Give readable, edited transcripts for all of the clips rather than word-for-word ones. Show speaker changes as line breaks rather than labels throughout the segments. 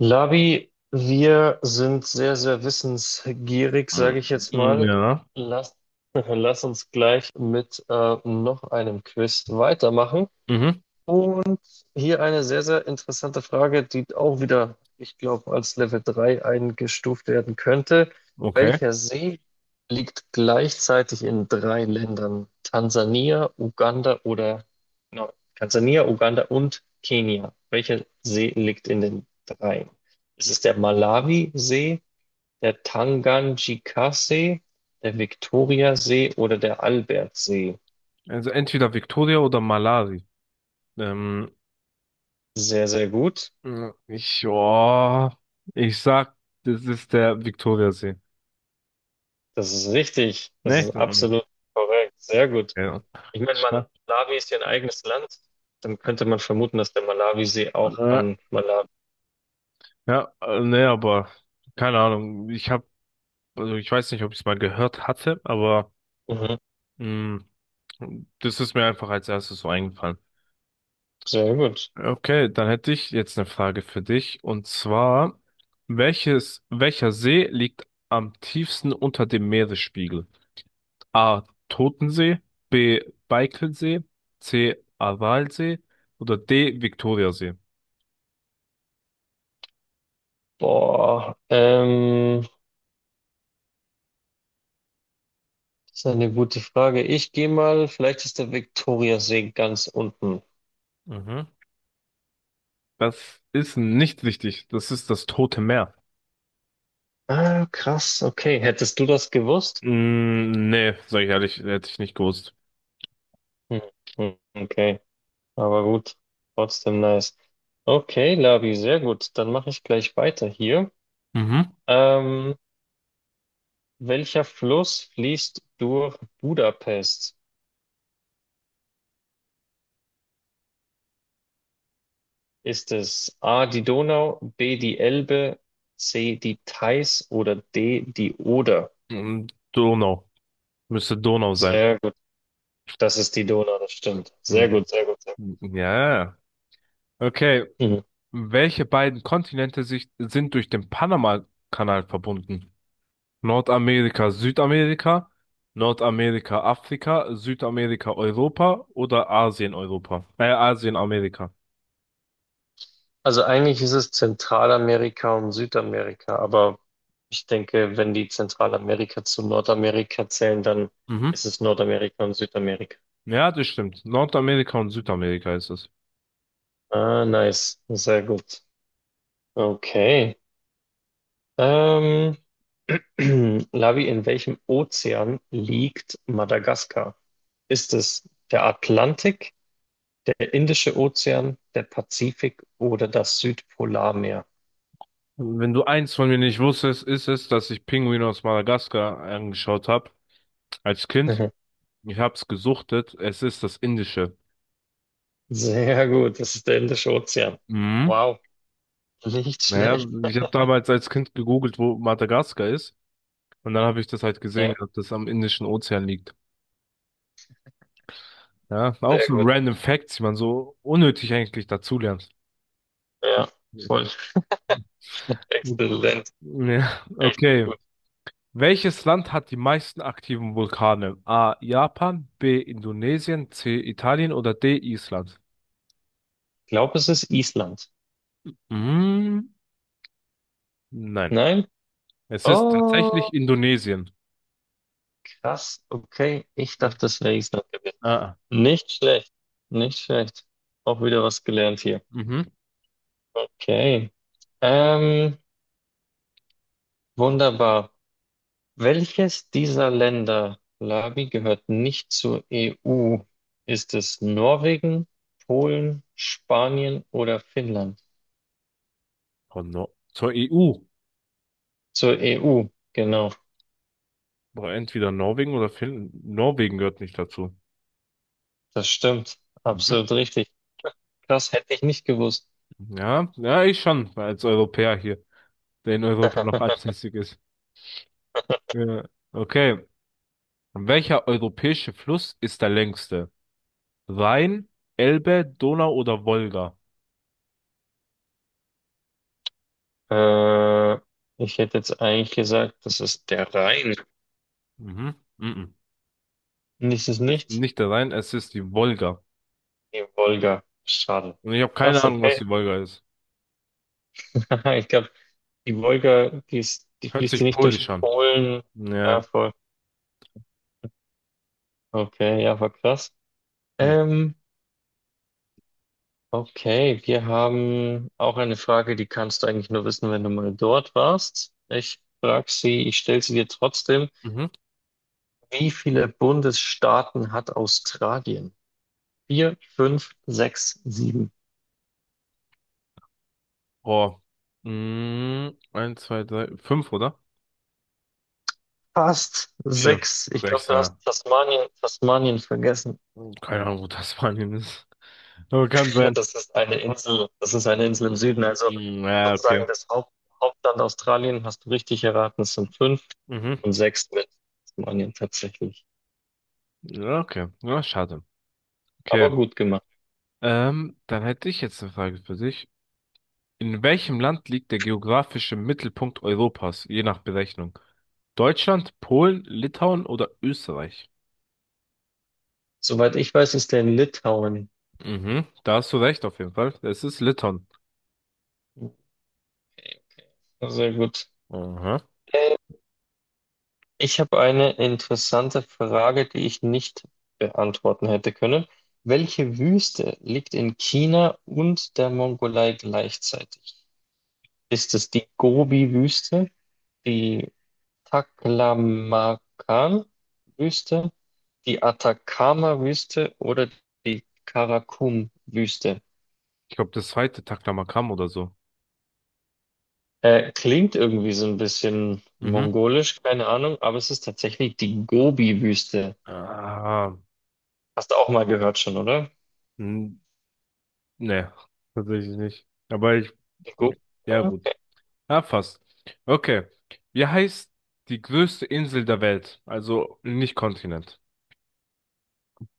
Labi, wir sind sehr, sehr wissensgierig, sage
Mhm.
ich jetzt mal.
Ja.
Lass, lass uns gleich mit noch einem Quiz weitermachen.
Mhm.
Und hier eine sehr, sehr interessante Frage, die auch wieder, ich glaube, als Level 3 eingestuft werden könnte.
Okay.
Welcher See liegt gleichzeitig in drei Ländern? Tansania, Uganda oder, no, Tansania, Uganda und Kenia. Welcher See liegt in den dreien? Ist es der Malawi-See, der Tanganjika-See, der Viktoria-See oder der Albert-See?
Also entweder Victoria oder Malawi. Ähm,
Sehr, sehr gut.
ich, ja, ich sag, das ist der Victoriasee.
Das ist richtig. Das ist
Nicht? Mhm.
absolut korrekt. Sehr gut.
Ja.
Ich meine,
Ich sag,
Malawi ist ja ein eigenes Land. Dann könnte man vermuten, dass der Malawisee auch
äh,
an Malawi.
ja, nee, aber keine Ahnung. Also ich weiß nicht, ob ich es mal gehört hatte, aber
Mhm.
mh, das ist mir einfach als erstes so eingefallen.
Sehr gut.
Okay, dann hätte ich jetzt eine Frage für dich. Und zwar, welcher See liegt am tiefsten unter dem Meeresspiegel? A. Totensee, B. Baikalsee, C. Aralsee oder D. Viktoriasee?
Boah, das ist eine gute Frage. Ich gehe mal, vielleicht ist der Viktoriasee ganz unten.
Mhm. Das ist nicht richtig. Das ist das Tote Meer.
Ah, krass. Okay. Hättest du das gewusst?
Mm, nee, sag ich ehrlich, hätte ich nicht gewusst.
Hm. Okay. Aber gut. Trotzdem nice. Okay, Labi, sehr gut. Dann mache ich gleich weiter hier.
Mhm.
Ähm, Welcher Fluss fließt durch Budapest? Ist es A die Donau, B die Elbe, C die Theiß oder D die Oder?
Hm, Donau. Müsste Donau sein.
Sehr gut, das ist die Donau, das stimmt. Sehr
Hm.
gut, sehr gut, sehr
Ja. Okay.
gut. Mhm.
Welche beiden Kontinente sind durch den Panama-Kanal verbunden? Nordamerika, Südamerika, Nordamerika, Afrika, Südamerika, Europa oder Asien, Europa? Asien, Amerika.
Also eigentlich ist es Zentralamerika und Südamerika, aber ich denke, wenn die Zentralamerika zu Nordamerika zählen, dann
Mhm.
ist es Nordamerika und Südamerika.
Ja, das stimmt. Nordamerika und Südamerika ist es.
Ah, nice, sehr gut. Okay. Ähm, Lavi, in welchem Ozean liegt Madagaskar? Ist es der Atlantik, der Indische Ozean, der Pazifik oder das Südpolarmeer?
Wenn du eins von mir nicht wusstest, ist es, dass ich Pinguine aus Madagaskar angeschaut habe als Kind. Ich hab's gesuchtet. Es ist das Indische.
Sehr gut, das ist der Indische Ozean.
Mhm.
Wow, nicht
Naja,
schlecht.
ich habe damals als Kind gegoogelt, wo Madagaskar ist. Und dann habe ich das halt
Ja,
gehabt, dass das am Indischen Ozean liegt. Ja, auch
sehr
so
gut.
random Facts, die man so unnötig eigentlich dazulernt.
Ja, voll. Exzellent.
Ja,
Echt
okay.
gut.
Welches Land hat die meisten aktiven Vulkane? A. Japan, B. Indonesien, C. Italien oder D. Island?
Ich glaube, es ist Island.
Mhm. Nein.
Nein?
Es ist
Oh,
tatsächlich Indonesien.
krass. Okay, ich
Ja.
dachte, es wäre Island gewesen.
Ah.
Nicht schlecht. Nicht schlecht. Auch wieder was gelernt hier.
Mhm.
Okay. Ähm, wunderbar. Welches dieser Länder, Labi, gehört nicht zur EU? Ist es Norwegen, Polen, Spanien oder Finnland?
Von Nor zur EU.
Zur EU, genau.
Aber entweder Norwegen oder Finnland. Norwegen gehört nicht dazu.
Das stimmt.
Mhm.
Absolut richtig. Krass, hätte ich nicht gewusst.
Ja, ja, ich schon, als Europäer hier, der in Europa noch ansässig ist. Ja. Okay. Welcher europäische Fluss ist der längste? Rhein, Elbe, Donau oder Wolga?
Äh, ich hätte jetzt eigentlich gesagt, das ist der Rhein.
Mhm. Mhm.
Und ist es
Es ist
nicht?
nicht der Rhein, es ist die Wolga.
Die Wolga. Schade.
Und ich habe
Krass,
keine Ahnung, was
okay.
die Wolga ist.
Ich glaube, die Wolga, die ist, die
Hört
fließt die
sich
nicht durch
polisch an.
Polen. Ja,
Ja.
voll. Okay, ja, war krass.
Hm.
Ähm, okay, wir haben auch eine Frage, die kannst du eigentlich nur wissen, wenn du mal dort warst. Ich frage sie, ich stelle sie dir trotzdem.
Mhm.
Wie viele Bundesstaaten hat Australien? Vier, fünf, sechs, sieben.
Oh. Mhm. Eins, zwei, drei, fünf, oder?
Fast
Vier,
sechs. Ich glaube,
sechs,
du hast
ja.
Tasmanien, Tasmanien vergessen.
Keine Ahnung, wo das Spanien ist. Aber kann sein.
Das ist eine Insel, das ist eine Insel im Süden, also
Mm, ja,
sozusagen
okay.
das Hauptland Australien, hast du richtig erraten, es sind fünf
Mhm.
und sechs mit Tasmanien tatsächlich.
Ja, okay. Ja, schade. Okay.
Aber gut gemacht.
Dann hätte ich jetzt eine Frage für dich. In welchem Land liegt der geografische Mittelpunkt Europas, je nach Berechnung? Deutschland, Polen, Litauen oder Österreich?
Soweit ich weiß, ist der in Litauen.
Mhm. Da hast du recht, auf jeden Fall. Es ist Litauen.
Okay, sehr gut.
Aha.
Äh, ich habe eine interessante Frage, die ich nicht beantworten hätte können. Welche Wüste liegt in China und der Mongolei gleichzeitig? Ist es die Gobi-Wüste, die Taklamakan Wüste, die Atacama Wüste oder die Karakum Wüste?
Ich glaube, das zweite Taklamakan oder so.
Klingt irgendwie so ein bisschen
Mhm.
mongolisch, keine Ahnung, aber es ist tatsächlich die Gobi Wüste.
Ah.
Hast du auch mal gehört schon, oder?
Nee, tatsächlich nicht.
Die Gobi?
Ja gut.
Okay.
Ja, fast. Okay. Wie heißt die größte Insel der Welt? Also nicht Kontinent.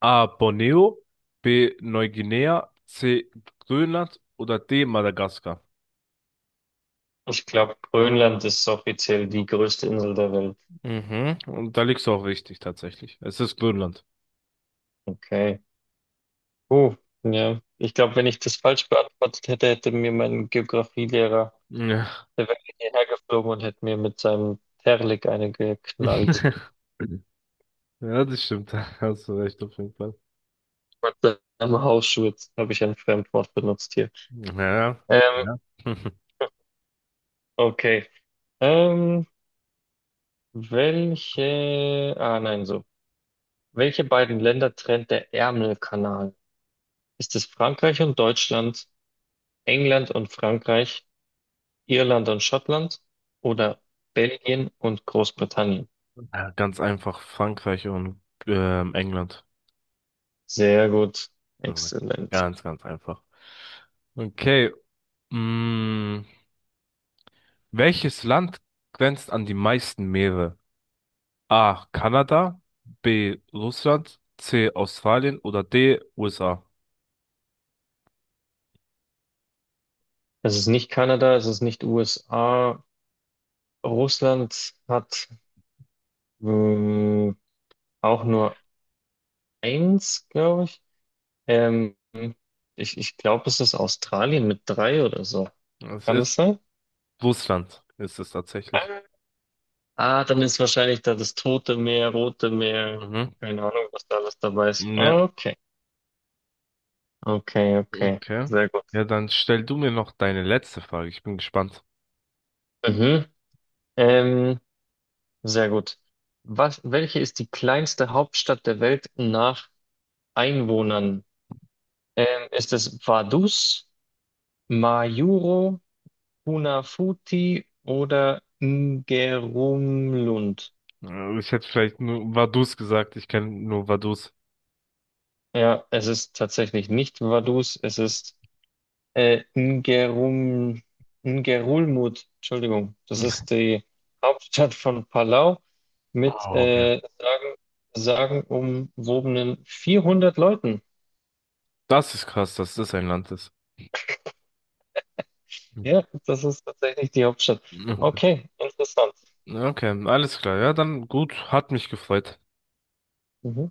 A. Borneo, B. Neuguinea, C. Grönland oder D. Madagaskar.
Ich glaube, Grönland ist offiziell die größte Insel der Welt.
Mhm. Und da liegst du auch richtig, tatsächlich. Es ist Grönland.
Okay. Uh, ja. Ich glaube, wenn ich das falsch beantwortet hätte, hätte mir mein Geografielehrer.
Ja.
Der wäre hierher geflogen und hätte mir mit seinem Terlik eine geknallt.
Ja, das stimmt. Da hast du recht, auf jeden Fall.
Mit seinem Hausschurz habe ich ein Fremdwort benutzt hier.
Ja.
Ähm,
Ja.
okay. Ähm, welche. Ah, nein, so. Welche beiden Länder trennt der Ärmelkanal? Ist es Frankreich und Deutschland, England und Frankreich, Irland und Schottland oder Belgien und Großbritannien?
Ja, ganz einfach Frankreich und England.
Sehr gut. Exzellent.
Ganz, ganz einfach. Okay. Mh, welches Land grenzt an die meisten Meere? A. Kanada, B. Russland, C. Australien oder D. USA?
Es ist nicht Kanada, es ist nicht USA. Russland hat Äh, auch nur eins, glaube ich. Ähm, ich glaube, es ist Australien mit drei oder so.
Es
Kann das
ist
sein?
Russland, ist es tatsächlich.
Ah, dann ist wahrscheinlich da das Tote Meer, Rote Meer,
Mhm.
keine Ahnung, was da alles dabei ist.
Ne,
Ah, okay, okay, okay,
okay.
sehr gut.
Ja, dann stell du mir noch deine letzte Frage. Ich bin gespannt.
Mhm. Ähm, sehr gut. Was, welche ist die kleinste Hauptstadt der Welt nach Einwohnern? Ist es Vaduz, Majuro, Funafuti oder Ngerumlund?
Ich hätte vielleicht nur Vaduz gesagt. Ich kenne nur Vaduz.
Ja, es ist tatsächlich nicht Vaduz, es ist äh, Ngerum, Ngerulmud. Entschuldigung, das ist die Hauptstadt von Palau mit
Oh, okay.
sagenumwobenen 400 Leuten.
Das ist krass, dass das ein Land ist.
Ja, das ist tatsächlich die Hauptstadt.
Mhm.
Okay, interessant.
Okay, alles klar. Ja, dann gut, hat mich gefreut.
Mhm.